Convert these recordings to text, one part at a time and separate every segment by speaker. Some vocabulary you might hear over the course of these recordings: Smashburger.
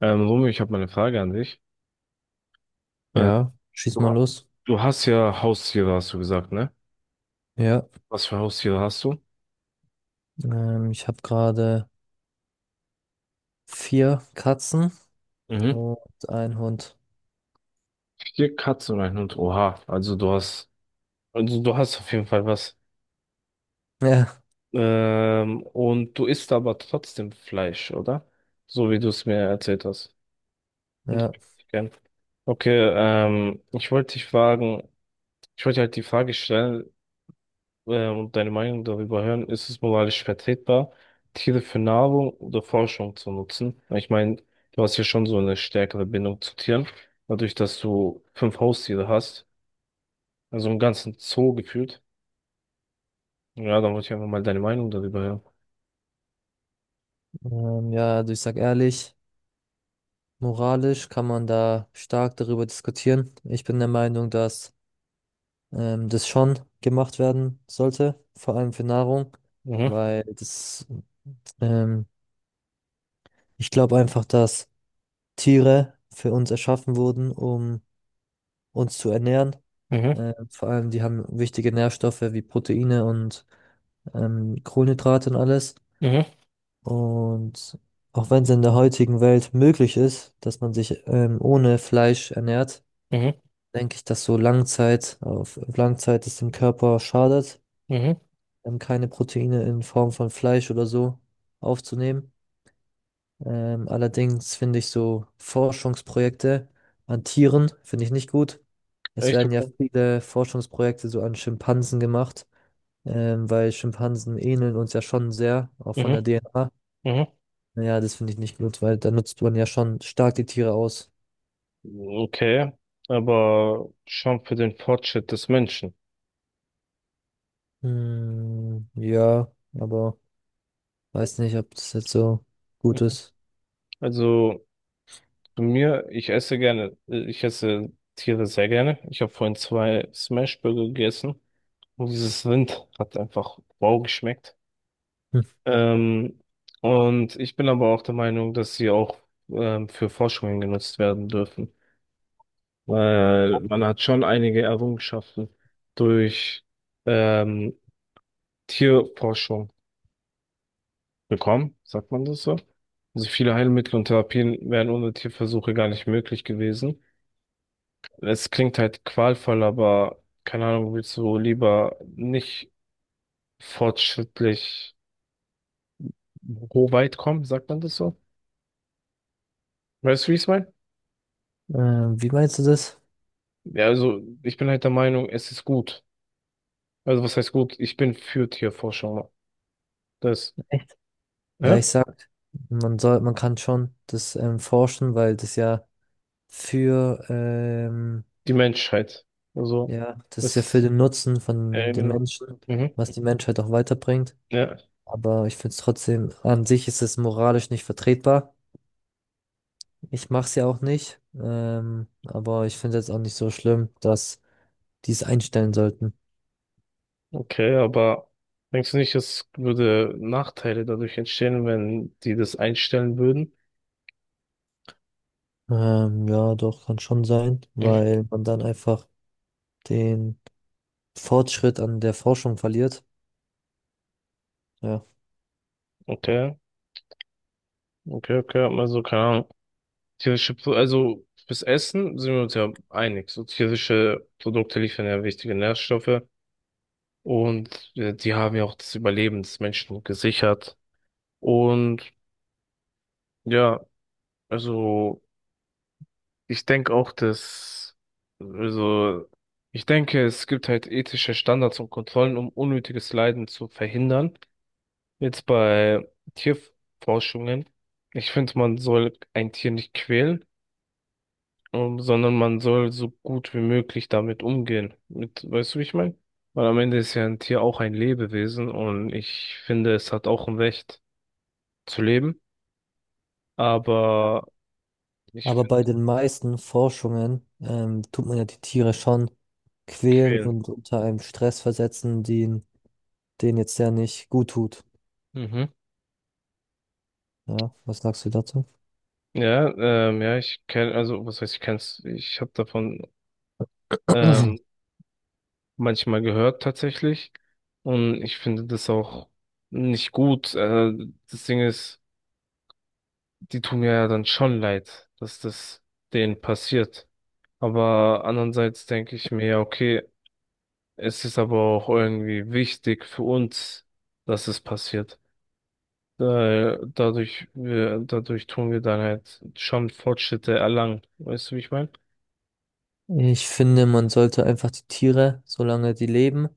Speaker 1: Romeo, ich habe mal eine Frage an dich. Äh,
Speaker 2: Ja, schieß
Speaker 1: du,
Speaker 2: mal los.
Speaker 1: du hast ja Haustiere, hast du gesagt, ne?
Speaker 2: Ja,
Speaker 1: Was für Haustiere hast du?
Speaker 2: ich habe gerade vier Katzen
Speaker 1: Mhm.
Speaker 2: und einen Hund.
Speaker 1: Vier Katzen und ein Hund. Oha, also du hast auf jeden Fall was.
Speaker 2: Ja,
Speaker 1: Und du isst aber trotzdem Fleisch, oder? So wie du es mir erzählt hast. Und-
Speaker 2: ja,
Speaker 1: Gern. Okay, ich wollte halt die Frage stellen, und deine Meinung darüber hören. Ist es moralisch vertretbar, Tiere für Nahrung oder Forschung zu nutzen? Ich meine, du hast ja schon so eine stärkere Bindung zu Tieren, dadurch, dass du fünf Haustiere hast, also einen ganzen Zoo gefühlt. Ja, dann wollte ich einfach mal deine Meinung darüber hören.
Speaker 2: ja, also ich sag ehrlich, moralisch kann man da stark darüber diskutieren. Ich bin der Meinung, dass das schon gemacht werden sollte, vor allem für Nahrung,
Speaker 1: Mhm,
Speaker 2: weil ähm, ich glaube einfach, dass Tiere für uns erschaffen wurden, um uns zu ernähren.
Speaker 1: mhm,
Speaker 2: Vor allem, die haben wichtige Nährstoffe wie Proteine und Kohlenhydrate und alles.
Speaker 1: mhm,
Speaker 2: Und auch wenn es in der heutigen Welt möglich ist, dass man sich ohne Fleisch ernährt,
Speaker 1: mhm,
Speaker 2: denke ich, dass so Langzeit, auf Langzeit es dem Körper schadet,
Speaker 1: mhm.
Speaker 2: keine Proteine in Form von Fleisch oder so aufzunehmen. Allerdings finde ich so Forschungsprojekte an Tieren, finde ich nicht gut. Es
Speaker 1: Echt
Speaker 2: werden ja
Speaker 1: okay.
Speaker 2: viele Forschungsprojekte so an Schimpansen gemacht, weil Schimpansen ähneln uns ja schon sehr, auch von der
Speaker 1: Mhm,
Speaker 2: DNA.
Speaker 1: mhm.
Speaker 2: Ja, das finde ich nicht gut, weil da nutzt man ja schon stark die Tiere aus.
Speaker 1: Okay, aber schon für den Fortschritt des Menschen.
Speaker 2: Hm, ja, aber weiß nicht, ob das jetzt so gut ist.
Speaker 1: Also Zu mir, ich esse Tiere sehr gerne. Ich habe vorhin zwei Smashburger gegessen und dieses Rind hat einfach wow geschmeckt.
Speaker 2: Hm.
Speaker 1: Ähm, und ich bin aber auch der Meinung, dass sie auch für Forschungen genutzt werden dürfen, weil man hat schon einige Errungenschaften durch ähm, Tierforschung bekommen, sagt man das so? Also viele Heilmittel und Therapien wären ohne Tierversuche gar nicht möglich gewesen. Es klingt halt qualvoll, aber keine Ahnung, willst du lieber nicht fortschrittlich weit kommen, sagt man das so? Weißt du, wie ich es meine?
Speaker 2: Wie meinst du das?
Speaker 1: Ja, also ich bin halt der Meinung, es ist gut. Also was heißt gut? Ich bin für Tierforschung. Das,
Speaker 2: Echt? Ja,
Speaker 1: ne?
Speaker 2: ich sag, man kann schon das forschen, weil das ja für, ähm,
Speaker 1: Die Menschheit. Also,
Speaker 2: ja, das ist ja für
Speaker 1: das,
Speaker 2: den Nutzen von den
Speaker 1: genau.
Speaker 2: Menschen,
Speaker 1: Mhm.
Speaker 2: was die Menschheit auch weiterbringt.
Speaker 1: Ja,
Speaker 2: Aber ich finde es trotzdem, an sich ist es moralisch nicht vertretbar. Ich mach's ja auch nicht, aber ich finde es jetzt auch nicht so schlimm, dass die es einstellen sollten.
Speaker 1: okay, aber denkst du nicht, es würde Nachteile dadurch entstehen, wenn die das einstellen würden?
Speaker 2: Ja, doch, kann schon sein,
Speaker 1: Mhm.
Speaker 2: weil man dann einfach den Fortschritt an der Forschung verliert. Ja.
Speaker 1: Okay, okay, okay, also keine Ahnung. Also fürs Essen sind wir uns ja einig. So tierische Produkte liefern ja wichtige Nährstoffe und die haben ja auch das Überleben des Menschen gesichert. Und ja, also ich denke auch, dass, also ich denke, es gibt halt ethische Standards und Kontrollen, um unnötiges Leiden zu verhindern. Jetzt bei Tierforschungen. Ich finde, man soll ein Tier nicht quälen. Sondern man soll so gut wie möglich damit umgehen. Mit, weißt du, wie ich meine? Weil am Ende ist ja ein Tier auch ein Lebewesen und ich finde, es hat auch ein Recht zu leben,
Speaker 2: Ja.
Speaker 1: aber nicht für
Speaker 2: Aber bei den meisten Forschungen tut man ja die Tiere schon quälen
Speaker 1: quälen.
Speaker 2: und unter einem Stress versetzen, den jetzt ja nicht gut tut.
Speaker 1: Mhm.
Speaker 2: Ja, was sagst du dazu?
Speaker 1: Ja, ich kenne, also was heißt, ich kenn's, ich habe davon ähm, manchmal gehört tatsächlich und ich finde das auch nicht gut. Das Ding ist, die tun mir ja dann schon leid, dass das denen passiert. Aber andererseits denke ich mir, ja, okay, es ist aber auch irgendwie wichtig für uns, dass es passiert. Weil dadurch tun wir dann halt schon Fortschritte erlangen. Weißt du, wie ich meine?
Speaker 2: Ich finde, man sollte einfach die Tiere, solange die leben,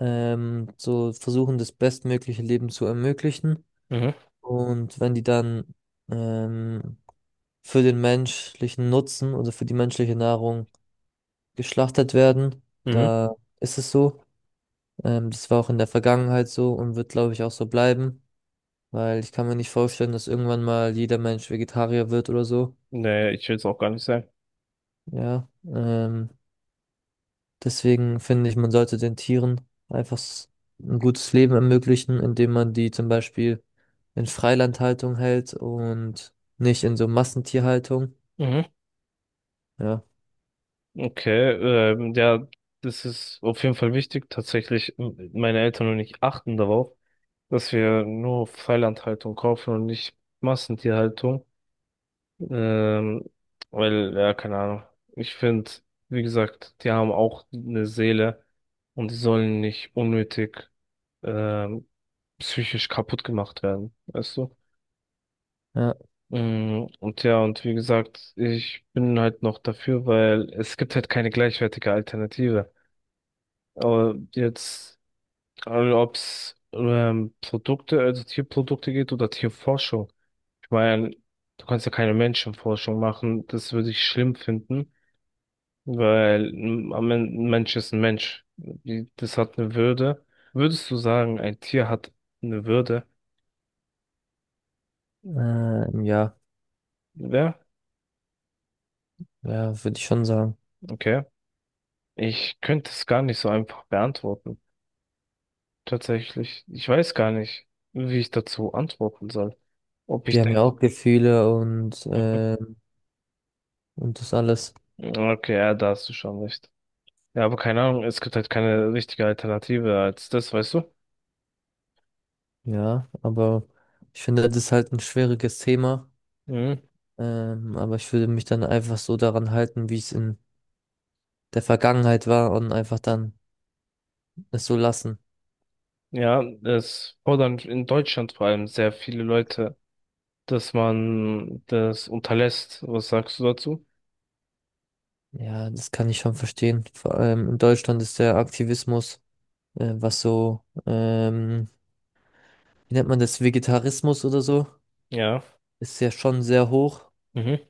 Speaker 2: so versuchen, das bestmögliche Leben zu ermöglichen.
Speaker 1: Mhm.
Speaker 2: Und wenn die dann ähm, für den menschlichen Nutzen oder für die menschliche Nahrung geschlachtet werden,
Speaker 1: Mhm.
Speaker 2: da ist es so. Das war auch in der Vergangenheit so und wird, glaube ich, auch so bleiben, weil ich kann mir nicht vorstellen, dass irgendwann mal jeder Mensch Vegetarier wird oder so.
Speaker 1: Nee, ich will es auch gar nicht sagen.
Speaker 2: Ja, deswegen finde ich, man sollte den Tieren einfach ein gutes Leben ermöglichen, indem man die zum Beispiel in Freilandhaltung hält und nicht in so Massentierhaltung.
Speaker 1: Mhm.
Speaker 2: Ja,
Speaker 1: Okay, ja, das ist auf jeden Fall wichtig. Tatsächlich, meine Eltern und ich achten darauf, dass wir nur Freilandhaltung kaufen und nicht Massentierhaltung. Ähm, Weil, ja, keine Ahnung. Ich finde, wie gesagt, die haben auch eine Seele und die sollen nicht unnötig ähm, psychisch kaputt gemacht werden, weißt du?
Speaker 2: ja,
Speaker 1: Mm, und ja, und wie gesagt, ich bin halt noch dafür, weil es gibt halt keine gleichwertige Alternative. Aber jetzt, also ob es also Tierprodukte geht oder Tierforschung. Ich meine, du kannst ja keine Menschenforschung machen, das würde ich schlimm finden. Am Ende ein Mensch ist ein Mensch. Das hat eine Würde. Würdest du sagen, ein Tier hat eine Würde?
Speaker 2: ja,
Speaker 1: Ja,
Speaker 2: ja, würde ich schon sagen.
Speaker 1: okay. Ich könnte es gar nicht so einfach beantworten. Tatsächlich. Ich weiß gar nicht, wie ich dazu antworten soll. Ob ich
Speaker 2: Die haben ja
Speaker 1: denke.
Speaker 2: auch Gefühle
Speaker 1: Mhm.
Speaker 2: und das alles.
Speaker 1: Okay, ja, da hast du schon recht. Ja, aber keine Ahnung, es gibt halt keine richtige Alternative als das, weißt du?
Speaker 2: Ja, aber ich finde, das ist halt ein schwieriges Thema.
Speaker 1: Mhm.
Speaker 2: Aber ich würde mich dann einfach so daran halten, wie es in der Vergangenheit war und einfach dann es so lassen.
Speaker 1: Ja, es fordern in Deutschland vor allem sehr viele Leute, dass man das unterlässt. Was sagst du dazu?
Speaker 2: Ja, das kann ich schon verstehen. Vor allem in Deutschland ist der Aktivismus, was so wie nennt man das, Vegetarismus oder so,
Speaker 1: Ja.
Speaker 2: ist ja schon sehr hoch.
Speaker 1: Mhm.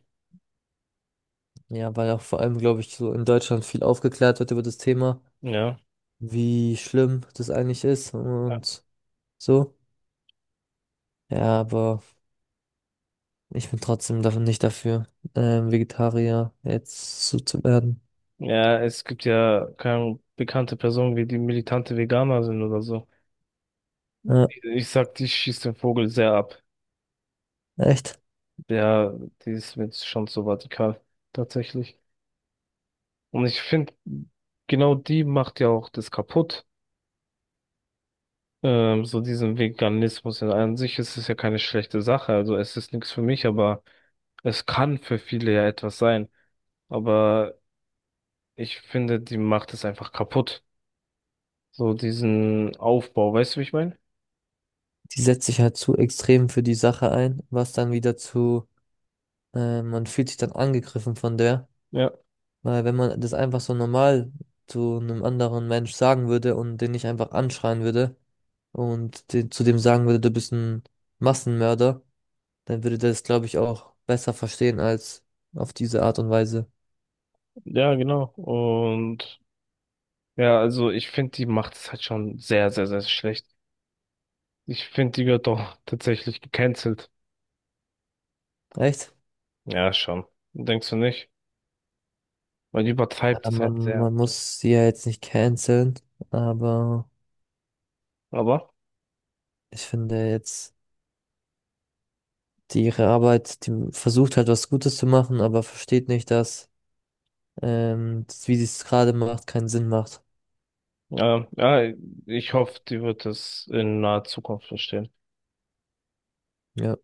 Speaker 2: Ja, weil auch vor allem, glaube ich, so in Deutschland viel aufgeklärt wird über das Thema,
Speaker 1: Ja.
Speaker 2: wie schlimm das eigentlich ist
Speaker 1: Ja,
Speaker 2: und so. Ja, aber ich bin trotzdem davon nicht dafür, Vegetarier jetzt so zu werden.
Speaker 1: ja, es gibt ja keine bekannte Personen, wie die militante Veganer sind oder so.
Speaker 2: Ja,
Speaker 1: Ich sag, die schießt den Vogel sehr ab.
Speaker 2: echt.
Speaker 1: Ja, die ist mir jetzt schon so radikal, tatsächlich. Und ich finde, genau die macht ja auch das kaputt. So diesen Veganismus. In an sich ist es ja keine schlechte Sache. Also es ist nichts für mich, aber es kann für viele ja etwas sein. Aber ich finde, die macht es einfach kaputt. So diesen Aufbau, weißt du, wie ich meine?
Speaker 2: Die setzt sich halt zu extrem für die Sache ein, was dann wieder zu, man fühlt sich dann angegriffen von der,
Speaker 1: Ja,
Speaker 2: weil wenn man das einfach so normal zu einem anderen Mensch sagen würde und den nicht einfach anschreien würde, und den, zu dem sagen würde, du bist ein Massenmörder, dann würde der das, glaube ich, auch besser verstehen als auf diese Art und Weise.
Speaker 1: ja, genau. Und ja, also ich finde, die macht es halt schon sehr, sehr, sehr schlecht. Ich finde, die wird doch tatsächlich gecancelt.
Speaker 2: Echt?
Speaker 1: Ja, schon. Denkst du nicht? Weil die übertreibt
Speaker 2: Ja,
Speaker 1: es halt sehr.
Speaker 2: man muss sie ja jetzt nicht canceln, aber
Speaker 1: Aber,
Speaker 2: ich finde jetzt, die ihre Arbeit, die versucht halt was Gutes zu machen, aber versteht nicht, dass das, wie sie es gerade macht, keinen Sinn macht.
Speaker 1: ja, ich hoffe, die wird es in naher Zukunft verstehen.
Speaker 2: Ja.